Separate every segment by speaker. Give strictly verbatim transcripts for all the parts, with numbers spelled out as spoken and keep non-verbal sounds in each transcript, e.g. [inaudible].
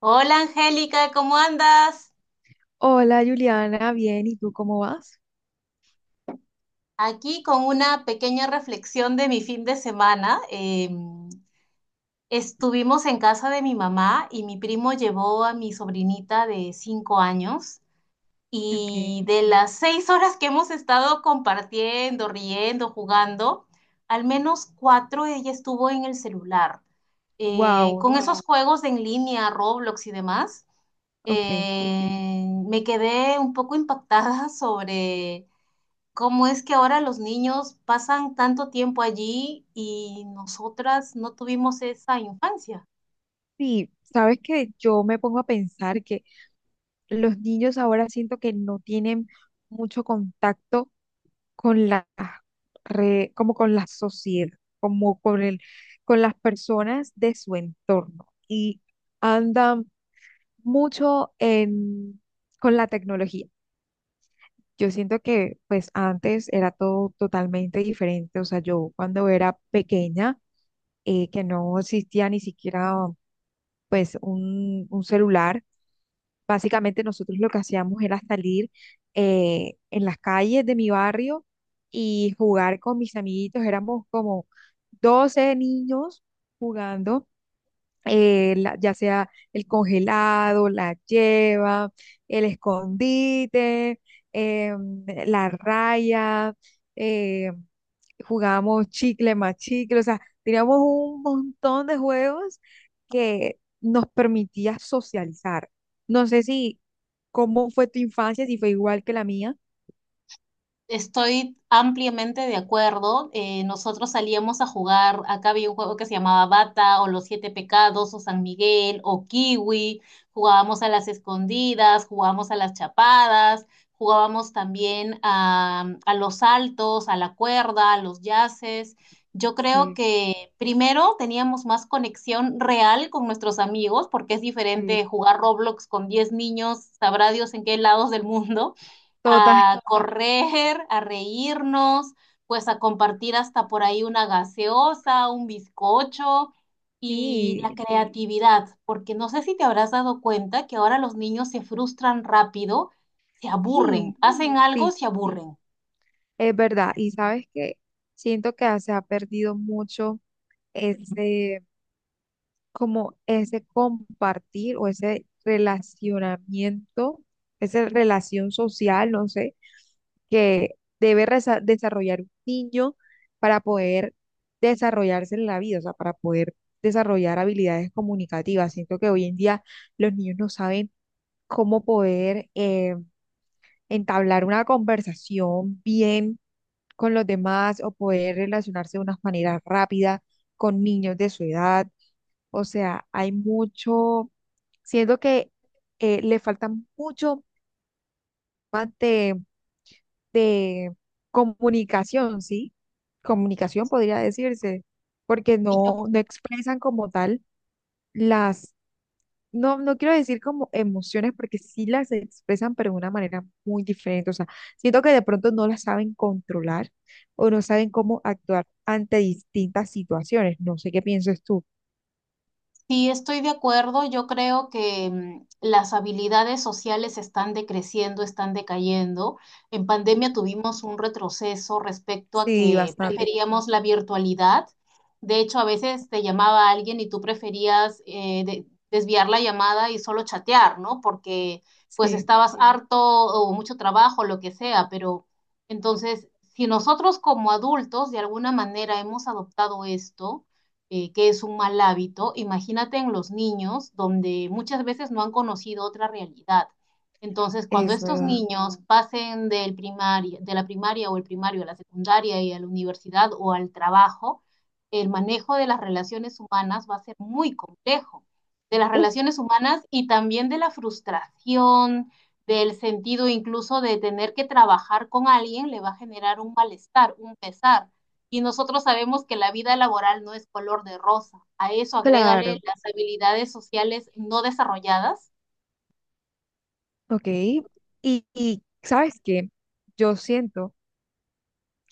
Speaker 1: Hola Angélica, ¿cómo andas?
Speaker 2: Hola Juliana, bien, ¿y tú cómo vas?
Speaker 1: Aquí con una pequeña reflexión de mi fin de semana. Eh, estuvimos en casa de mi mamá y mi primo llevó a mi sobrinita de cinco años,
Speaker 2: Okay.
Speaker 1: y de las seis horas que hemos estado compartiendo, riendo, jugando, al menos cuatro ella estuvo en el celular. Eh,
Speaker 2: Wow,
Speaker 1: con esos Mm, juegos de en línea, Roblox y demás,
Speaker 2: ok.
Speaker 1: eh, me quedé un poco impactada [laughs] sobre ¿cómo es que ahora los niños pasan tanto tiempo allí y nosotras no tuvimos esa infancia?
Speaker 2: Sí, sabes que yo me pongo a pensar que los niños ahora siento que no tienen mucho contacto con la re- como con la sociedad, como con el, con las personas de su entorno y andan mucho en, con la tecnología. Yo siento que pues antes era todo totalmente diferente, o sea, yo cuando era pequeña eh, que no existía ni siquiera pues un, un celular. Básicamente nosotros lo que hacíamos era salir eh, en las calles de mi barrio y jugar con mis amiguitos. Éramos como doce niños jugando, eh, la- ya sea el congelado, la lleva, el escondite, em, la raya. em, jugábamos chicle más chicle, o sea, teníamos un montón de juegos que nos permitía socializar. No sé si cómo fue tu infancia, si fue igual que la mía.
Speaker 1: Estoy ampliamente de acuerdo. Eh, nosotros salíamos a jugar, acá había un juego que se llamaba Bata o Los Siete Pecados o San Miguel o Kiwi, jugábamos a las escondidas, jugábamos a las chapadas, jugábamos también a, a los saltos, a la cuerda, a los yaces. Yo creo
Speaker 2: Sí,
Speaker 1: que primero teníamos más conexión real con nuestros amigos, porque es
Speaker 2: sí,
Speaker 1: diferente jugar Roblox con diez niños, sabrá Dios en qué lados del mundo,
Speaker 2: total.
Speaker 1: a
Speaker 2: [laughs]
Speaker 1: correr, a reírnos, pues a compartir hasta por ahí una gaseosa, un bizcocho y la
Speaker 2: Sí,
Speaker 1: creatividad, porque no sé si te habrás dado cuenta que ahora los niños se frustran rápido, se aburren,
Speaker 2: sí,
Speaker 1: hacen algo,
Speaker 2: sí,
Speaker 1: se aburren.
Speaker 2: es verdad. Y sabes que siento que se ha perdido mucho ese, como ese compartir o ese relacionamiento, esa relación social, no sé que debe resa- desarrollar un niño para poder desarrollarse en la vida, o sea, para poder desarrollar habilidades comunicativas. Siento que hoy en día los niños no saben cómo poder eh, entablar una conversación bien con los demás o poder relacionarse de una manera rápida con niños de su edad. O sea, hay mucho, siento que eh, le falta mucho más de comunicación, ¿sí? Comunicación podría decirse, porque
Speaker 1: Y yo,
Speaker 2: no, no expresan como tal las, no, no quiero decir como emociones, porque sí las expresan, pero de una manera muy diferente. O sea, siento que de pronto no las saben controlar o no saben cómo actuar ante distintas situaciones. No sé qué piensas tú.
Speaker 1: sí, estoy de acuerdo. Yo creo que mm, las habilidades sociales están decreciendo, están decayendo. En pandemia tuvimos un retroceso respecto a
Speaker 2: Sí,
Speaker 1: que, sí,
Speaker 2: bastante.
Speaker 1: preferíamos la virtualidad. De hecho, a veces te llamaba alguien y tú preferías eh, de- desviar la llamada y solo chatear, ¿no? Porque pues
Speaker 2: Sí,
Speaker 1: estabas, sí, harto o mucho trabajo, lo que sea. Pero entonces, si nosotros como adultos de alguna manera hemos adoptado esto, eh, que es un mal hábito, imagínate en los niños donde muchas veces no han conocido otra realidad. Entonces, cuando
Speaker 2: es
Speaker 1: estos
Speaker 2: verdad.
Speaker 1: niños, sí, pasen del primaria, de la primaria o el primario a la secundaria y a la universidad o al trabajo, el manejo de las relaciones humanas va a ser muy complejo. De las
Speaker 2: Uf,
Speaker 1: relaciones humanas y también de la frustración, del sentido incluso de tener que trabajar con alguien, le va a generar un malestar, un pesar. Y nosotros sabemos que la vida laboral no es color de rosa. A eso agrégale
Speaker 2: claro.
Speaker 1: las habilidades sociales no desarrolladas.
Speaker 2: Ok. Y, y ¿sabes qué? Yo siento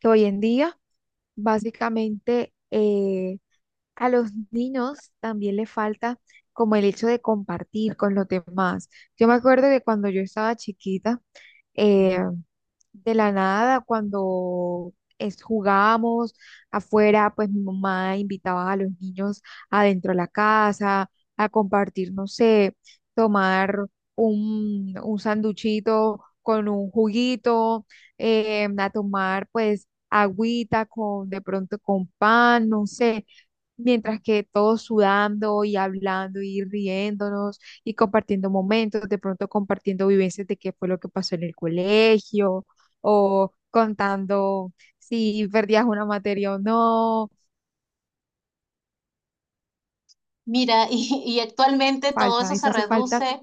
Speaker 2: que hoy en día básicamente, eh, a los niños también le falta como el hecho de compartir con los demás. Yo me acuerdo que cuando yo estaba chiquita, eh, de la nada, cuando es, jugábamos afuera, pues mi mamá invitaba a los niños adentro de la casa a compartir, no sé, tomar un, un sanduchito con un juguito, eh, a tomar pues agüita con de pronto con pan, no sé. Mientras que todos sudando y hablando y riéndonos y compartiendo momentos, de pronto compartiendo vivencias de qué fue lo que pasó en el colegio, o contando si perdías una materia o no.
Speaker 1: Mira, [laughs] y, y actualmente todo
Speaker 2: Falta,
Speaker 1: eso se
Speaker 2: eso hace falta,
Speaker 1: reduce.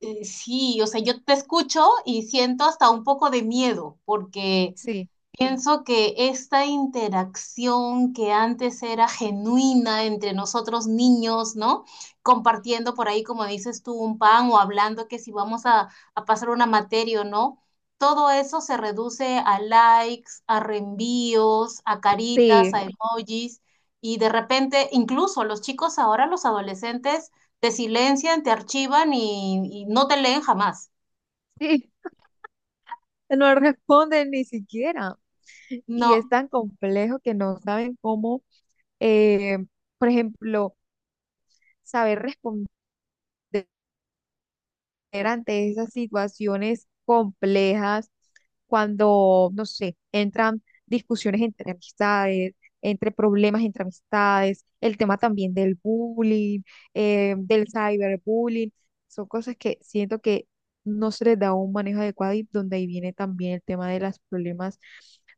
Speaker 1: eh, Sí, o sea, yo te escucho y siento hasta un poco de miedo, porque
Speaker 2: sí,
Speaker 1: pienso que esta interacción que antes era genuina entre nosotros niños, ¿no? Compartiendo por ahí, como dices tú, un pan o hablando que si vamos a, a pasar una materia o no, todo eso se reduce a likes, a reenvíos, a caritas,
Speaker 2: sí,
Speaker 1: a emojis, y de repente incluso los chicos ahora, los adolescentes, te silencian, te archivan y, y no te leen jamás.
Speaker 2: sí. [laughs] No responden ni siquiera. Y
Speaker 1: No.
Speaker 2: es tan complejo que no saben cómo, eh, por ejemplo, saber responder ante esas situaciones complejas, cuando, no sé, entran discusiones entre amistades, entre problemas entre amistades, el tema también del bullying, eh, del cyberbullying, son cosas que siento que no se les da un manejo adecuado y donde ahí viene también el tema de los problemas,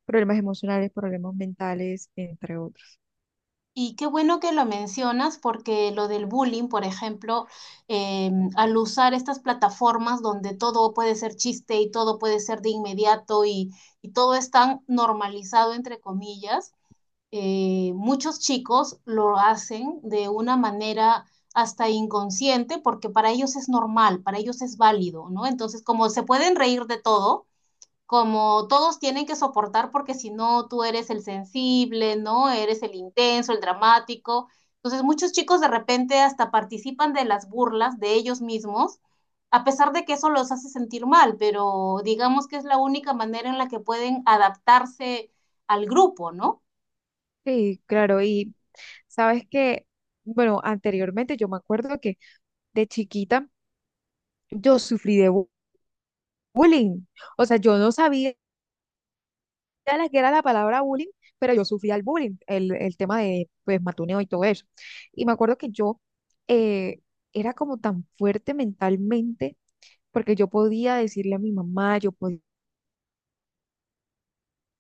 Speaker 2: problemas emocionales, problemas mentales, entre otros.
Speaker 1: Y qué bueno que lo mencionas, porque lo del bullying, por ejemplo, eh, al usar estas plataformas donde todo puede ser chiste y todo puede ser de inmediato y, y todo es tan normalizado, entre comillas, eh, muchos chicos lo hacen de una manera hasta inconsciente, porque para ellos es normal, para ellos es válido, ¿no? Entonces, como se pueden reír de todo, como todos tienen que soportar porque si no tú eres el sensible, ¿no? Eres el intenso, el dramático. Entonces muchos chicos de repente hasta participan de las burlas de ellos mismos, a pesar de que eso los hace sentir mal, pero digamos que es la única manera en la que pueden adaptarse al grupo, ¿no?
Speaker 2: Sí, claro, y sabes que, bueno, anteriormente yo me acuerdo que de chiquita, yo sufrí de bu- bullying. O sea, yo no sabía la que era la palabra bullying, pero yo sufrí el bullying, el, el tema de pues matoneo y todo eso. Y me acuerdo que yo eh, era como tan fuerte mentalmente porque yo podía decirle a mi mamá, yo podía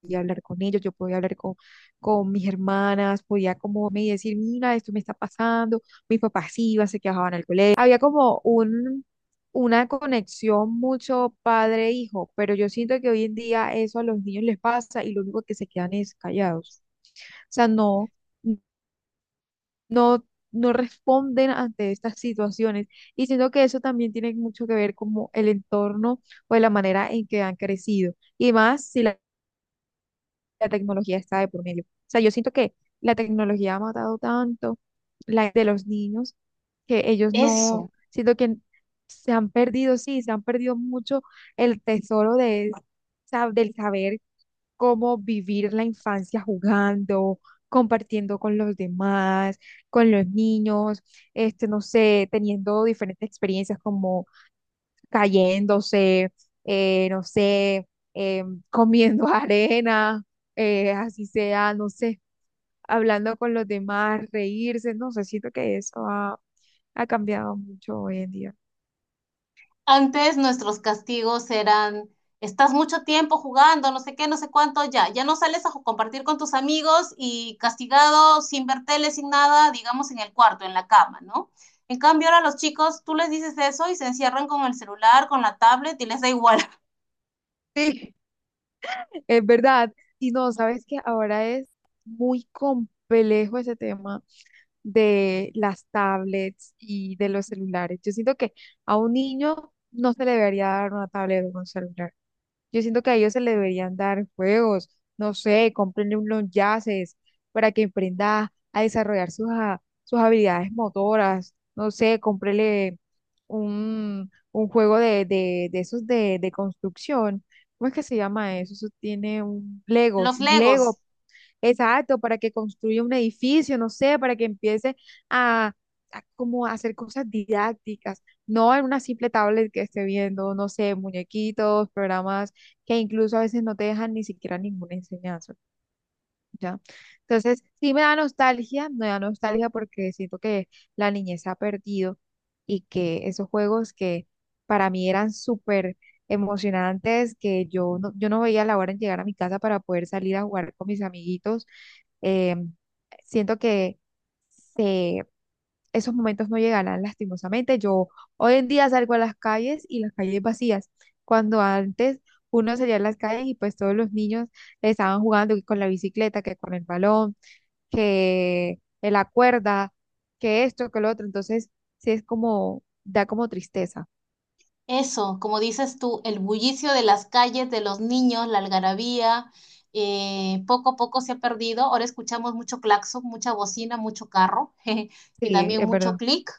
Speaker 2: podía hablar con ellos, yo podía hablar con, con mis hermanas, podía como me decir, mira, esto me está pasando, mis papás iban, se quejaban al colegio. Había como un, una conexión mucho padre-hijo, pero yo siento que hoy en día eso a los niños les pasa y lo único que se quedan es callados. O sea, no, no, no responden ante estas situaciones. Y siento que eso también tiene mucho que ver como el entorno o la manera en que han crecido. Y más si la la tecnología está de por medio. O sea, yo siento que la tecnología ha matado tanto la de los niños que ellos no,
Speaker 1: Eso.
Speaker 2: siento que se han perdido, sí, se han perdido mucho el tesoro de, sa- del saber cómo vivir la infancia jugando, compartiendo con los demás, con los niños, este, no sé, teniendo diferentes experiencias como cayéndose, eh, no sé, eh, comiendo [laughs] arena, eh, así sea, no sé, hablando con los demás, reírse, no sé, siento que eso ha, ha cambiado mucho hoy en día.
Speaker 1: Antes nuestros castigos eran: estás mucho tiempo jugando, no sé qué, no sé cuánto, ya, ya no sales a ju- compartir con tus amigos y castigado sin ver tele, sin nada, digamos en el cuarto, en la cama, ¿no? En cambio ahora los chicos, tú les dices eso y se encierran con el celular, con la tablet y les da igual. [laughs]
Speaker 2: Sí, [laughs] es verdad. Y no, sabes que ahora es muy complejo ese tema de las tablets y de los celulares. Yo siento que a un niño no se le debería dar una tablet o un celular. Yo siento que a ellos se le deberían dar juegos, no sé, cómprenle unos yaces para que emprenda a desarrollar sus, ha- sus habilidades motoras, no sé, cómprenle un, un juego de, de, de esos de, de construcción. ¿Cómo es que se llama eso? Eso tiene un Legos,
Speaker 1: Los
Speaker 2: un
Speaker 1: Legos.
Speaker 2: Lego. Exacto, para que construya un edificio, no sé, para que empiece a, a como a hacer cosas didácticas, no en una simple tablet que esté viendo, no sé, muñequitos, programas que incluso a veces no te dejan ni siquiera ninguna enseñanza. ¿Ya? Entonces, sí me da nostalgia, me da nostalgia porque siento que la niñez se ha perdido y que esos juegos que para mí eran súper emocionantes, que yo no, yo no veía la hora en llegar a mi casa para poder salir a jugar con mis amiguitos, eh, siento que se esos momentos no llegarán lastimosamente. Yo hoy en día salgo a las calles y las calles vacías, cuando antes uno salía a las calles y pues todos los niños estaban jugando que con la bicicleta, que con el balón, que en la cuerda, que esto, que lo otro. Entonces, sí es como, da como tristeza.
Speaker 1: Eso, como dices tú, el bullicio de las calles, de los niños, la algarabía, eh, poco a poco se ha perdido. Ahora escuchamos mucho claxon, mucha bocina, mucho carro [laughs] jeje, y
Speaker 2: Sí,
Speaker 1: también
Speaker 2: es
Speaker 1: mucho
Speaker 2: verdad.
Speaker 1: clic,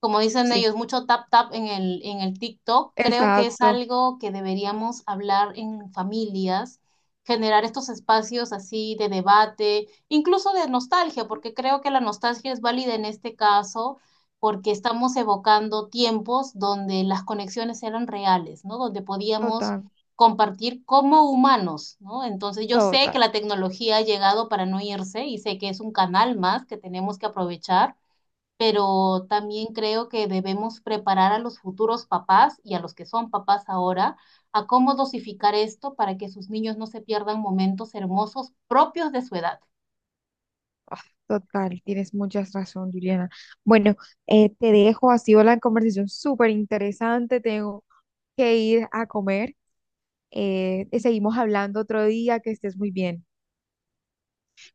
Speaker 1: como dicen
Speaker 2: Sí,
Speaker 1: ellos, mucho tap tap en el, en el TikTok. Creo que es
Speaker 2: exacto.
Speaker 1: algo que deberíamos hablar en familias, generar estos espacios así de debate, incluso de nostalgia, porque creo que la nostalgia es válida en este caso porque estamos evocando tiempos donde las conexiones eran reales, ¿no? Donde podíamos
Speaker 2: Total,
Speaker 1: compartir como humanos, ¿no? Entonces yo sé
Speaker 2: total,
Speaker 1: que la tecnología ha llegado para no irse y sé que es un canal más que tenemos que aprovechar, pero también creo que debemos preparar a los futuros papás y a los que son papás ahora a cómo dosificar esto para que sus niños no se pierdan momentos hermosos propios de su edad.
Speaker 2: total. Tienes muchas razón, Juliana. Bueno, eh, te dejo, ha sido la conversación súper interesante. Tengo que ir a comer. Eh, seguimos hablando otro día, que estés muy bien.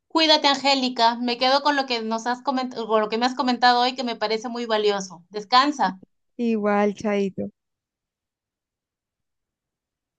Speaker 1: Cuídate, Angélica. Me quedo con lo que nos has comentado, con lo que me has comentado hoy, que me parece muy valioso. Descansa.
Speaker 2: Igual, Chaito.